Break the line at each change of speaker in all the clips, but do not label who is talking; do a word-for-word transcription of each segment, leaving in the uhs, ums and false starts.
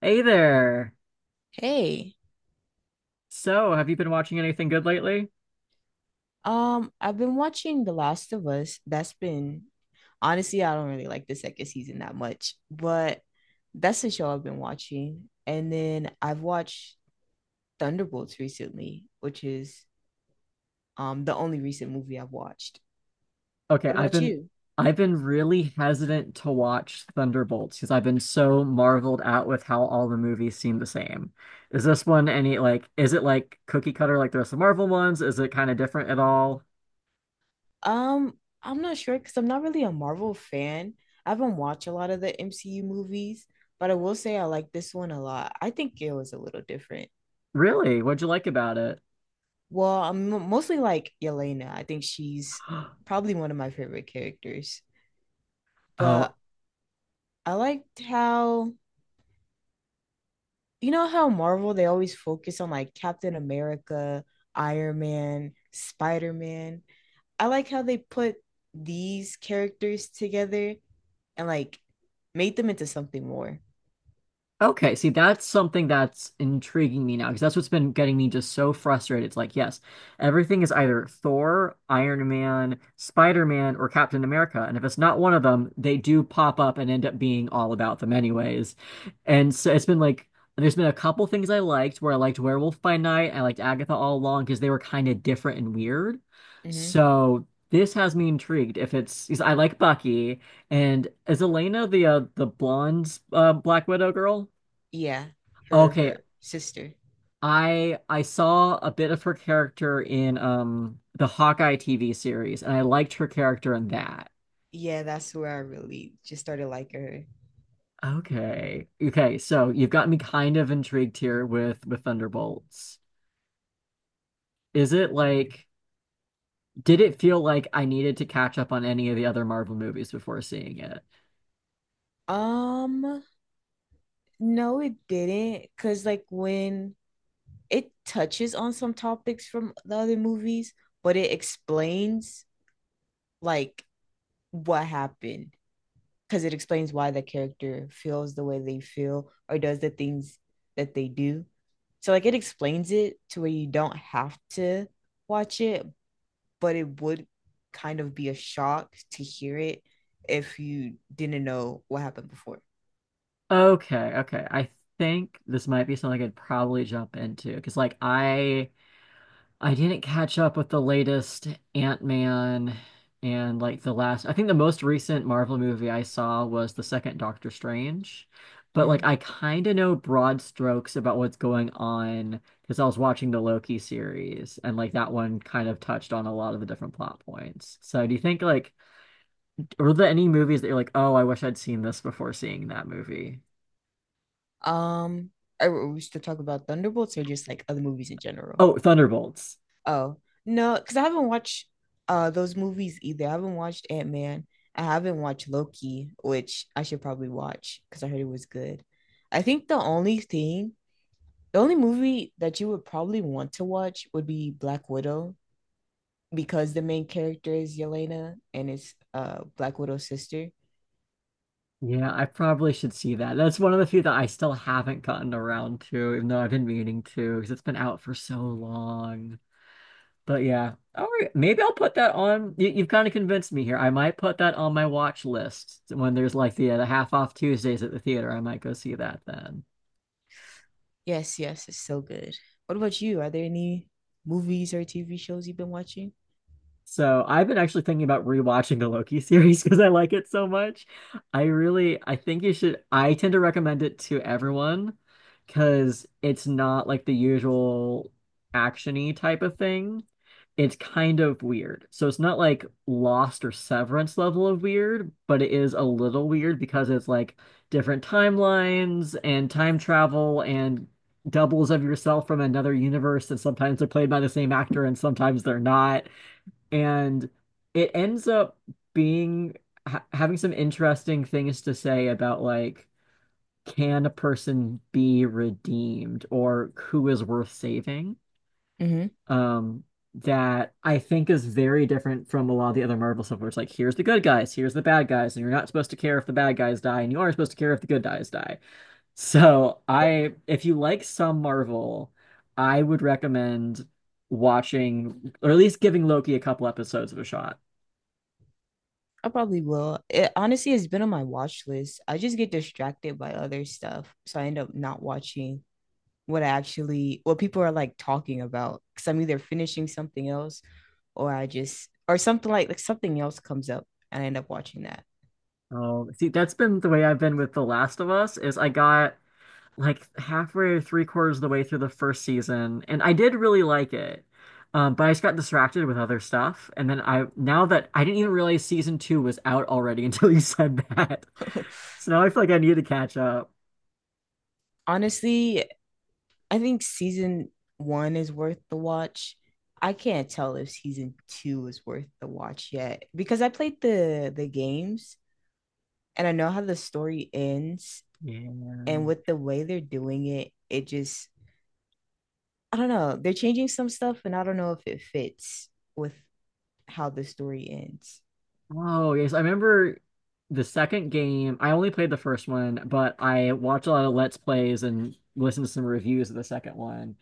Hey there.
Hey,
So, have you been watching anything good lately?
um, I've been watching The Last of Us. That's been honestly, I don't really like the second season that much, but that's the show I've been watching. And then I've watched Thunderbolts recently, which is um the only recent movie I've watched.
Okay,
What
I've
about
been
you?
I've been really hesitant to watch Thunderbolts because I've been so marveled at with how all the movies seem the same. Is this one any like is it like cookie cutter like the rest of Marvel ones? Is it kind of different at all?
Um, I'm not sure because I'm not really a Marvel fan. I haven't watched a lot of the M C U movies, but I will say I like this one a lot. I think it was a little different.
Really? What'd you like about it?
Well, I'm mo- mostly like Yelena. I think she's probably one of my favorite characters.
Oh.
But I liked how, you know, how Marvel they always focus on like Captain America, Iron Man, Spider-Man. I like how they put these characters together and like made them into something more.
Okay, see, that's something that's intriguing me now because that's what's been getting me just so frustrated. It's like, yes, everything is either Thor, Iron Man, Spider-Man, or Captain America. And if it's not one of them, they do pop up and end up being all about them anyways. And so it's been like, there's been a couple things I liked where I liked Werewolf by Night, I liked Agatha All Along because they were kind of different and weird.
hmm
So this has me intrigued. If it's, 'Cause I like Bucky. And is Elena the uh, the blonde uh, Black Widow girl?
Yeah, her,
Okay,
her sister.
I I saw a bit of her character in um the Hawkeye T V series, and I liked her character in that.
Yeah, that's where I really just started liking
Okay. Okay, so you've got me kind of intrigued here with with Thunderbolts. Is it like did it feel like I needed to catch up on any of the other Marvel movies before seeing it?
her. Um, no, it didn't. Cause like when it touches on some topics from the other movies, but it explains like what happened because it explains why the character feels the way they feel or does the things that they do. So like it explains it to where you don't have to watch it, but it would kind of be a shock to hear it if you didn't know what happened before.
Okay, okay. I think this might be something I'd probably jump into because like I I didn't catch up with the latest Ant-Man and like the last, I think the most recent Marvel movie I saw was the second Doctor Strange. But like
Mhm.
I kind of know broad strokes about what's going on because I was watching the Loki series and like that one kind of touched on a lot of the different plot points. So do you think like were there any movies that you're like, "Oh, I wish I'd seen this before seeing that movie?"
Um, are we still talking about Thunderbolts or just like other movies in general?
Oh, Thunderbolts.
Oh no, because I haven't watched uh those movies either. I haven't watched Ant Man. I haven't watched Loki, which I should probably watch because I heard it was good. I think the only thing, the only movie that you would probably want to watch would be Black Widow because the main character is Yelena and it's uh Black Widow's sister.
Yeah, I probably should see that. That's one of the few that I still haven't gotten around to, even though I've been meaning to, because it's been out for so long. But yeah, all right, maybe I'll put that on. You, you've kind of convinced me here. I might put that on my watch list when there's like the, uh, the half off Tuesdays at the theater. I might go see that then.
Yes, yes, it's so good. What about you? Are there any movies or T V shows you've been watching?
So I've been actually thinking about rewatching the Loki series because I like it so much. I really, I think you should, I tend to recommend it to everyone because it's not like the usual action-y type of thing. It's kind of weird. So it's not like Lost or Severance level of weird, but it is a little weird because it's like different timelines and time travel and doubles of yourself from another universe and sometimes they're played by the same actor and sometimes they're not and it ends up being ha having some interesting things to say about like can a person be redeemed or who is worth saving?
hmm
Um, that I think is very different from a lot of the other Marvel stuff where it's like here's the good guys, here's the bad guys, and you're not supposed to care if the bad guys die, and you are supposed to care if the good guys die. So I, if you like some Marvel, I would recommend watching, or at least giving Loki a couple episodes of a shot.
I probably will. It honestly has been on my watch list. I just get distracted by other stuff, so I end up not watching. What I actually what people are like talking about because I'm either finishing something else or I just or something like like something else comes up and I end up watching that.
Oh, see, that's been the way I've been with The Last of Us is I got like halfway or three quarters of the way through the first season, and I did really like it. Um, but I just got distracted with other stuff, and then I now that I didn't even realize season two was out already until you said that. So now I feel like I need to catch up.
Honestly, I think season one is worth the watch. I can't tell if season two is worth the watch yet because I played the the games and I know how the story ends, and
Yeah.
with the way they're doing it, it just I don't know. They're changing some stuff and I don't know if it fits with how the story ends.
Oh, yes. I remember the second game. I only played the first one, but I watched a lot of Let's Plays and listened to some reviews of the second one.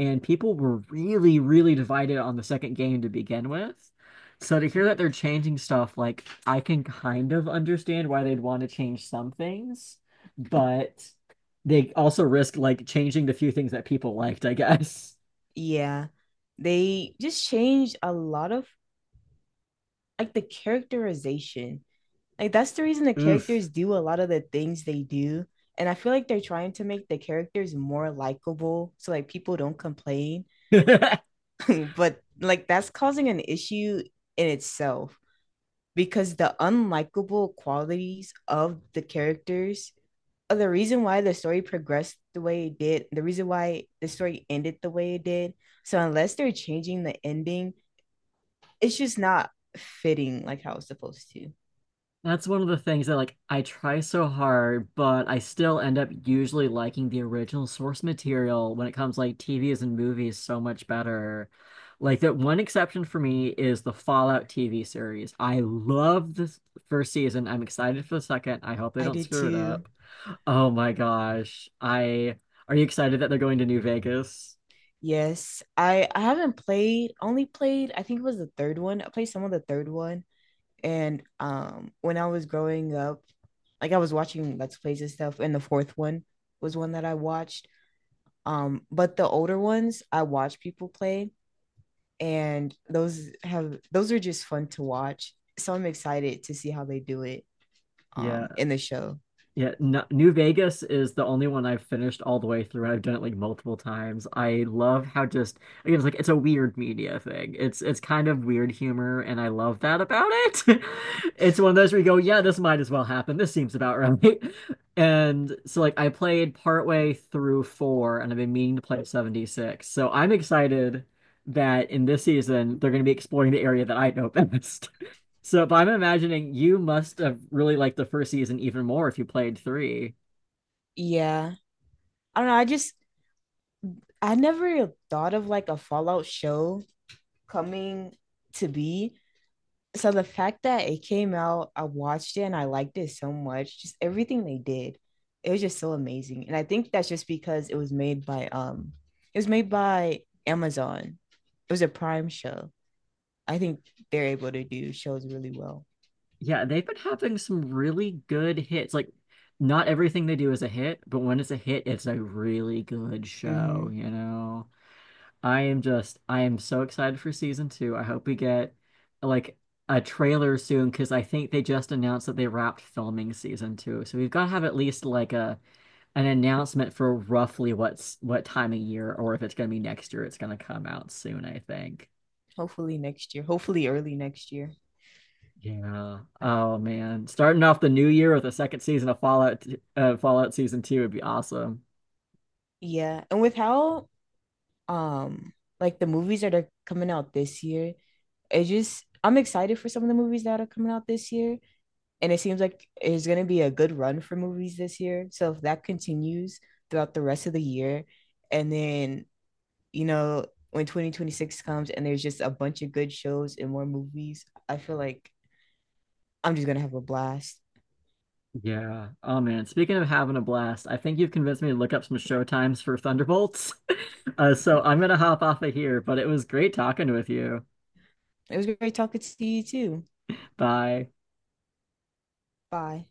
And people were really, really divided on the second game to begin with. So to hear that they're changing stuff, like I can kind of understand why they'd want to change some things, but they also risk like changing the few things that people liked, I guess.
Yeah. They just changed a lot of like the characterization. Like that's the reason the characters
Oof.
do a lot of the things they do. And I feel like they're trying to make the characters more likable so like people don't complain. But like that's causing an issue in itself because the unlikable qualities of the characters are the reason why the story progressed the way it did, the reason why the story ended the way it did. So unless they're changing the ending, it's just not fitting like how it's supposed to.
That's one of the things that like I try so hard, but I still end up usually liking the original source material when it comes like T Vs and movies so much better. Like that one exception for me is the Fallout T V series. I love this first season. I'm excited for the second. I hope they
I
don't
did
screw it
too.
up. Oh my gosh. I Are you excited that they're going to New Vegas?
Yes, I I haven't played, only played, I think it was the third one. I played some of the third one. And um when I was growing up, like I was watching Let's Plays and stuff, and the fourth one was one that I watched. Um, but the older ones I watch people play, and those have those are just fun to watch. So I'm excited to see how they do it
Yeah.
um in the show.
Yeah, no, New Vegas is the only one I've finished all the way through, and I've done it like multiple times. I love how just again, it's like it's a weird media thing. It's it's kind of weird humor, and I love that about it. It's one of those where you go, yeah, this might as well happen. This seems about right. And so like I played partway through four, and I've been meaning to play seventy-six. So I'm excited that in this season they're going to be exploring the area that I know best. So, but I'm imagining you must have really liked the first season even more if you played three.
Yeah. I don't know. I just I never thought of like a Fallout show coming to be. So the fact that it came out, I watched it and I liked it so much. Just everything they did. It was just so amazing. And I think that's just because it was made by um it was made by Amazon. It was a Prime show. I think they're able to do shows really well.
Yeah, they've been having some really good hits. Like, not everything they do is a hit, but when it's a hit, it's a really good show,
Mm-hmm.
you know? I am just, I am so excited for season two. I hope we get like a trailer soon because I think they just announced that they wrapped filming season two. So we've got to have at least like a an announcement for roughly what's what time of year or if it's going to be next year it's going to come out soon I think.
Hopefully next year. Hopefully early next year.
Yeah, oh man, starting off the new year with the second season of fallout, uh, fallout season two would be awesome.
Yeah, and with how um like the movies that are coming out this year, it just I'm excited for some of the movies that are coming out this year, and it seems like it's gonna be a good run for movies this year. So if that continues throughout the rest of the year, and then you know when twenty twenty-six comes and there's just a bunch of good shows and more movies, I feel like I'm just gonna have a blast.
Yeah, oh man, speaking of having a blast, I think you've convinced me to look up some show times for Thunderbolts. uh, so I'm going to hop off of here, but it was great talking with you.
It was great talking to you too.
Bye.
Bye.